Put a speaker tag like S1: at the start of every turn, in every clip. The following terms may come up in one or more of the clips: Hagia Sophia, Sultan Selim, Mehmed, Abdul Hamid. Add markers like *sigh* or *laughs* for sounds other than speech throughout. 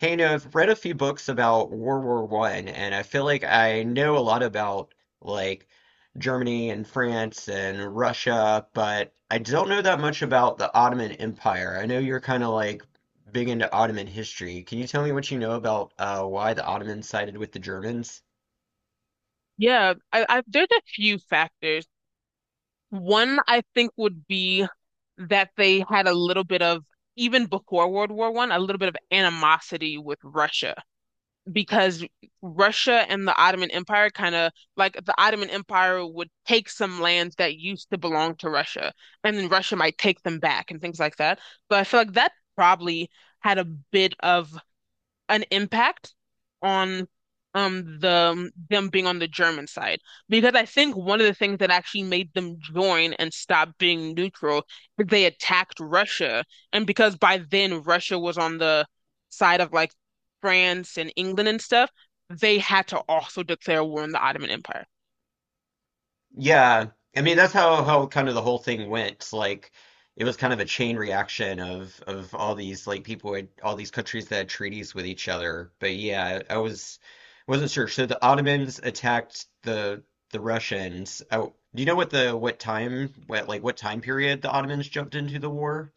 S1: Kind of read a few books about World War I, and I feel like I know a lot about like Germany and France and Russia, but I don't know that much about the Ottoman Empire. I know you're kind of like big into Ottoman history. Can you tell me what you know about why the Ottomans sided with the Germans?
S2: Yeah, I there's a few factors. One I think would be that they had a little bit of, even before World War One, a little bit of animosity with Russia because Russia and the Ottoman Empire kind of like the Ottoman Empire would take some lands that used to belong to Russia, and then Russia might take them back and things like that. But I feel like that probably had a bit of an impact on the them being on the German side because I think one of the things that actually made them join and stop being neutral is they attacked Russia, and because by then Russia was on the side of like France and England and stuff, they had to also declare war on the Ottoman Empire.
S1: Yeah, I mean that's how kind of the whole thing went. Like it was kind of a chain reaction of all these like people had all these countries that had treaties with each other. But yeah, I wasn't sure. So the Ottomans attacked the Russians. Oh, do you know what the what time what like what time period the Ottomans jumped into the war?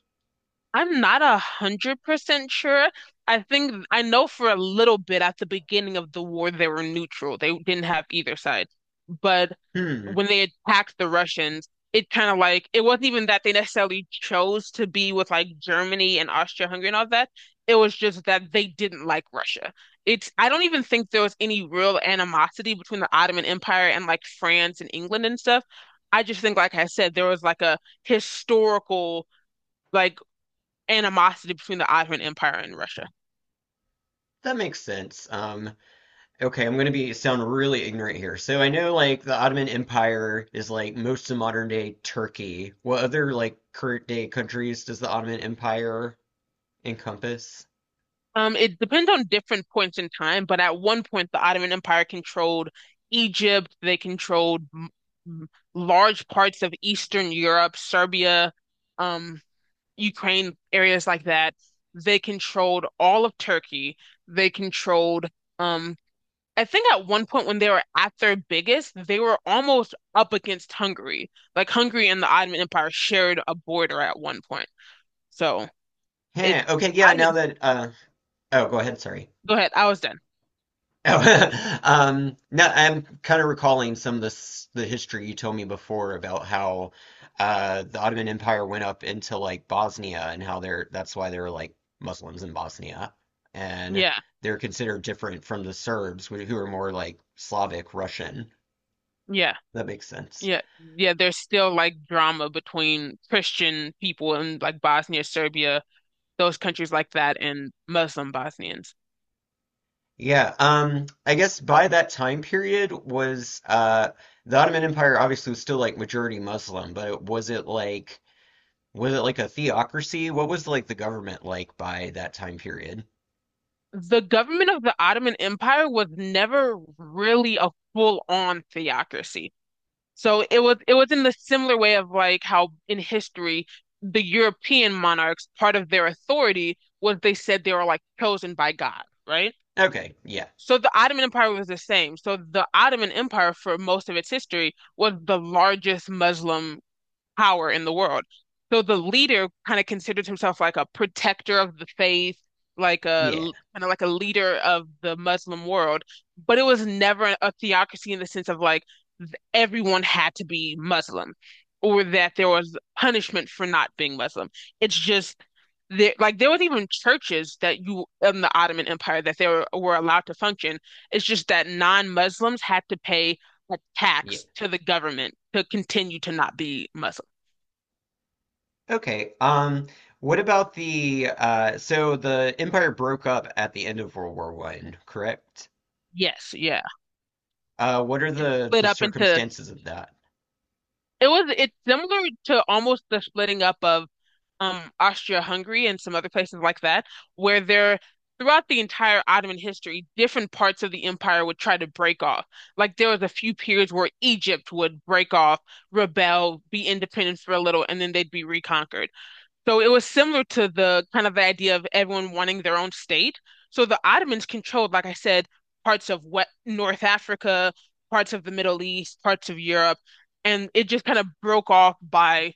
S2: I'm not 100% sure. I think I know for a little bit at the beginning of the war they were neutral. They didn't have either side. But
S1: Hmm,
S2: when they attacked the Russians, it kind of like it wasn't even that they necessarily chose to be with like Germany and Austria-Hungary and all that. It was just that they didn't like Russia. It's I don't even think there was any real animosity between the Ottoman Empire and like France and England and stuff. I just think, like I said, there was like a historical like animosity between the Ottoman Empire and Russia.
S1: that makes sense. Okay, I'm gonna be sound really ignorant here. So I know like the Ottoman Empire is like most of modern day Turkey. What other like current day countries does the Ottoman Empire encompass?
S2: It depends on different points in time, but at one point, the Ottoman Empire controlled Egypt. They controlled large parts of Eastern Europe, Serbia, um, Ukraine, areas like that. They controlled all of Turkey. They controlled, um, I think at one point when they were at their biggest, they were almost up against Hungary. Like Hungary and the Ottoman Empire shared a border at one point. So
S1: Heh,
S2: it
S1: okay, yeah, now
S2: Ottoman.
S1: that uh oh, go ahead, sorry.
S2: Go ahead. I was done.
S1: Oh, *laughs* no, I'm kind of recalling some of this the history you told me before about how the Ottoman Empire went up into like Bosnia, and how they're that's why there are like Muslims in Bosnia and
S2: Yeah,
S1: they're considered different from the Serbs who are more like Slavic Russian.
S2: yeah,
S1: That makes sense.
S2: yeah, yeah. There's still like drama between Christian people in like Bosnia, Serbia, those countries like that, and Muslim Bosnians.
S1: Yeah, I guess by that time period was the Ottoman Empire obviously was still like majority Muslim, but it wasn't, like. Was it like a theocracy? What was like the government like by that time period?
S2: The government of the Ottoman Empire was never really a full-on theocracy. So it was in the similar way of like how in history the European monarchs, part of their authority was they said they were like chosen by God, right?
S1: Okay, yeah.
S2: So the Ottoman Empire was the same. So the Ottoman Empire, for most of its history, was the largest Muslim power in the world. So the leader kind of considered himself like a protector of the faith, like a
S1: Yeah.
S2: kind of like a leader of the Muslim world, but it was never a theocracy in the sense of like everyone had to be Muslim or that there was punishment for not being Muslim. It's just there, like there was even churches that you in the Ottoman Empire that they were allowed to function. It's just that non-Muslims had to pay a
S1: Yeah.
S2: tax to the government to continue to not be Muslim.
S1: Okay. What about the so the empire broke up at the end of World War I, correct?
S2: Yes, yeah.
S1: What are the
S2: Split
S1: the
S2: up into
S1: circumstances of that?
S2: it was it's similar to almost the splitting up of Austria-Hungary and some other places like that, where they're throughout the entire Ottoman history, different parts of the empire would try to break off. Like there was a few periods where Egypt would break off, rebel, be independent for a little, and then they'd be reconquered. So it was similar to the kind of the idea of everyone wanting their own state. So the Ottomans controlled, like I said, parts of what North Africa, parts of the Middle East, parts of Europe, and it just kind of broke off by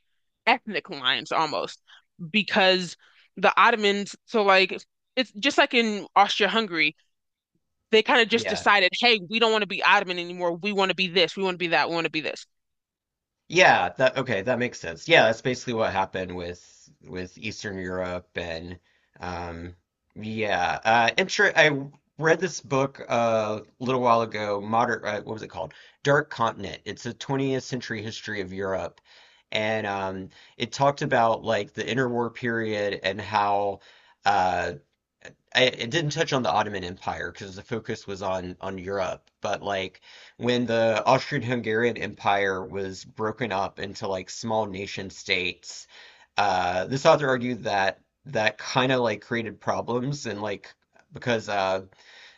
S2: ethnic lines almost because the Ottomans, so like it's just like in Austria-Hungary, they kind of just
S1: Yeah.
S2: decided, hey, we don't want to be Ottoman anymore. We want to be this, we want to be that, we want to be this.
S1: Yeah, that okay, that makes sense. Yeah, that's basically what happened with Eastern Europe. And um yeah, inter I read this book a little while ago, Modern what was it called? Dark Continent. It's a 20th century history of Europe. And it talked about like the interwar period, and how uh, it didn't touch on the Ottoman Empire because the focus was on Europe, but like when the Austrian-Hungarian Empire was broken up into like small nation states, this author argued that that kind of like created problems, and like, because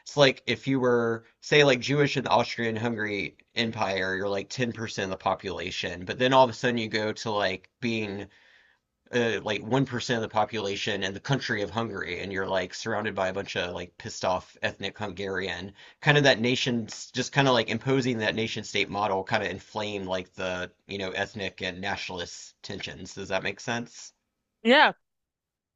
S1: it's like if you were say like Jewish in the Austrian-Hungary Empire, you're like 10% of the population, but then all of a sudden you go to like being like 1% of the population and the country of Hungary, and you're like surrounded by a bunch of like pissed off ethnic Hungarian, kind of that nation's just kind of like imposing that nation state model kind of inflamed like the ethnic and nationalist tensions. Does that make sense?
S2: Yeah,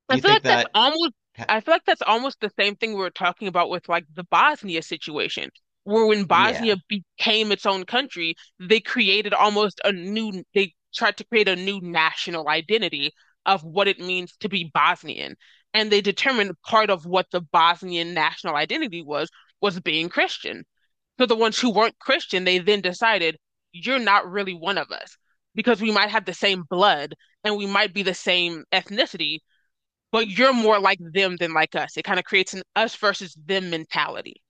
S1: Do
S2: I
S1: you
S2: feel
S1: think
S2: like that's
S1: that?
S2: almost
S1: ha-
S2: I feel like that's almost the same thing we were talking about with like the Bosnia situation, where when
S1: yeah.
S2: Bosnia became its own country, they created almost a new they tried to create a new national identity of what it means to be Bosnian. And they determined part of what the Bosnian national identity was being Christian. So the ones who weren't Christian, they then decided, you're not really one of us because we might have the same blood and we might be the same ethnicity, but you're more like them than like us. It kind of creates an us versus them mentality.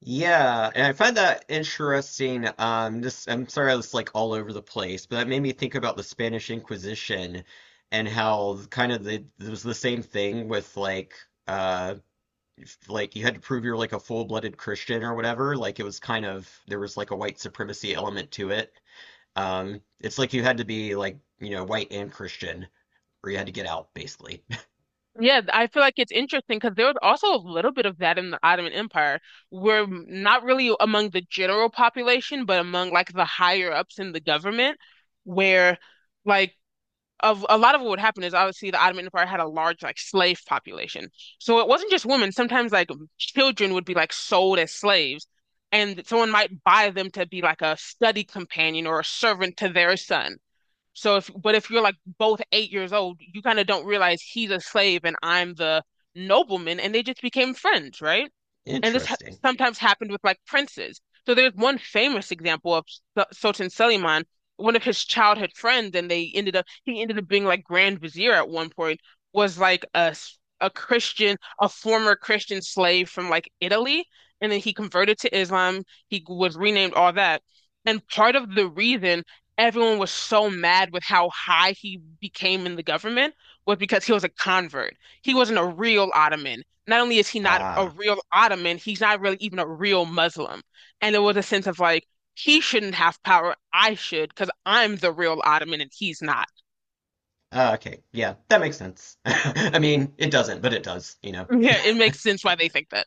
S1: Yeah, and I find that interesting. This I'm sorry, I was like all over the place, but that made me think about the Spanish Inquisition and how kind of the, it was the same thing with like uh like you had to prove you're like a full-blooded Christian or whatever. Like, it was kind of, there was like a white supremacy element to it. It's like you had to be like white and Christian, or you had to get out, basically.
S2: Yeah, I feel like it's interesting because there was also a little bit of that in the Ottoman Empire. We're not really among the general population, but among like the higher ups in the government, where like of a lot of what would happen is obviously the Ottoman Empire had a large like slave population. So it wasn't just women. Sometimes like children would be like sold as slaves, and someone might buy them to be like a study companion or a servant to their son. So if but if you're like both 8 years old, you kind of don't realize he's a slave and I'm the nobleman, and they just became friends, right?
S1: *laughs*
S2: And this ha
S1: Interesting.
S2: sometimes happened with like princes. So there's one famous example of Sultan Selimán, one of his childhood friends, and they ended up he ended up being like Grand Vizier at one point, was like a a Christian, a former Christian slave from like Italy, and then he converted to Islam. He was renamed all that, and part of the reason everyone was so mad with how high he became in the government was because he was a convert. He wasn't a real Ottoman not only is he not a
S1: Ah,
S2: real Ottoman, he's not really even a real Muslim. And there was a sense of like, he shouldn't have power. I should, because I'm the real Ottoman and he's not.
S1: okay. Yeah, that makes sense. *laughs* I mean, it doesn't, but it does.
S2: *laughs*
S1: *laughs*
S2: Yeah, it makes sense why they think that.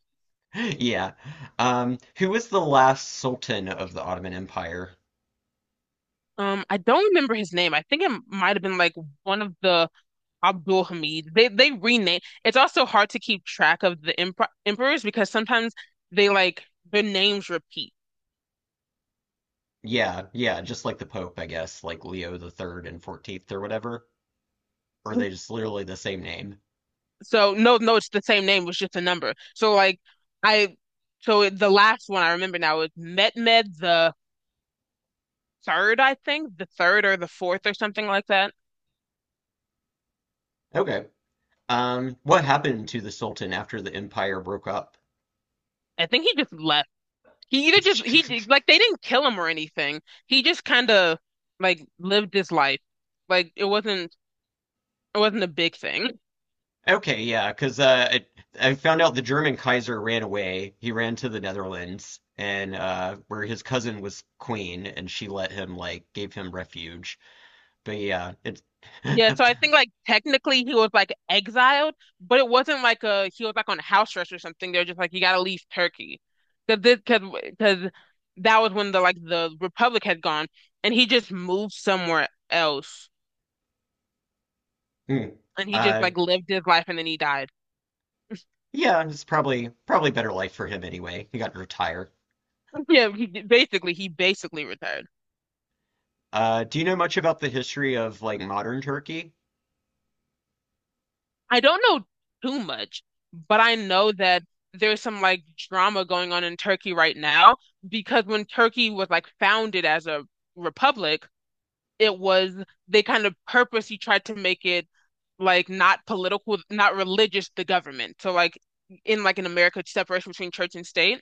S1: Yeah. Who was the last sultan of the Ottoman Empire?
S2: I don't remember his name. I think it might have been like one of the Abdul Hamid. They rename. It's also hard to keep track of the emperors because sometimes they like their names repeat.
S1: Yeah, yeah, just like the Pope, I guess, like Leo the Third and XIV or whatever. Or are they
S2: *laughs*
S1: just literally the same name?
S2: So no, no, it's the same name. It was just a number. So like I, so it, the last one I remember now is Mehmed the third, I think, the third or the fourth or something like that.
S1: Okay. What happened to the Sultan after the empire broke up?
S2: I think he just left. He either just he
S1: *laughs*
S2: like they didn't kill him or anything. He just kind of like lived his life. Like it wasn't a big thing.
S1: Okay, yeah, because I found out the German Kaiser ran away. He ran to the Netherlands, and where his cousin was queen, and she let him like gave him refuge. But yeah, it's *laughs*
S2: Yeah, so I think like technically he was like exiled, but it wasn't like a he was like on house arrest or something. They're just like you gotta leave Turkey, because this because that was when the like the Republic had gone, and he just moved somewhere else,
S1: Hmm.
S2: and he just
S1: uh,
S2: like lived his life and then he died.
S1: yeah, it's probably better life for him anyway. He got to retire.
S2: *laughs* Yeah, he basically retired.
S1: Do you know much about the history of like modern Turkey?
S2: I don't know too much, but I know that there's some like drama going on in Turkey right now because when Turkey was like founded as a republic it was they kind of purposely tried to make it like not political, not religious, the government. So like in America, separation between church and state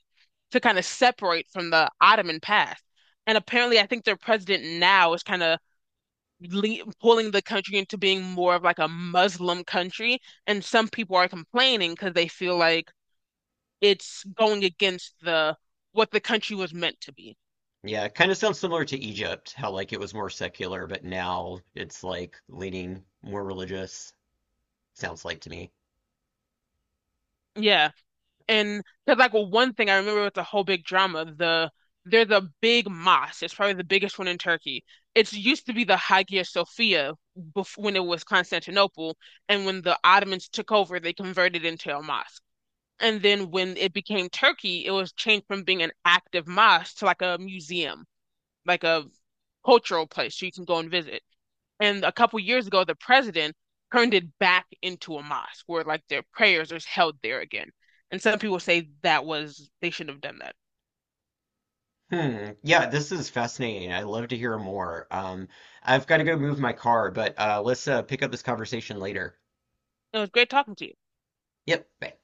S2: to kind of separate from the Ottoman past. And apparently, I think their president now is kind of le pulling the country into being more of like a Muslim country. And some people are complaining because they feel like it's going against the what the country was meant to be.
S1: Yeah, it kind of sounds similar to Egypt, how like it was more secular, but now it's like leaning more religious, sounds like to me.
S2: Yeah. And because like well, one thing I remember it's a whole big drama. The there's a big mosque. It's probably the biggest one in Turkey. It's used to be the Hagia Sophia bef when it was Constantinople, and when the Ottomans took over, they converted it into a mosque. And then when it became Turkey, it was changed from being an active mosque to like a museum, like a cultural place so you can go and visit. And a couple years ago, the president turned it back into a mosque where like their prayers are held there again. And some people say that was, they shouldn't have done that.
S1: Hmm. Yeah, this is fascinating. I'd love to hear more. I've got to go move my car, but let's pick up this conversation later.
S2: It was great talking to you.
S1: Yep. Bye.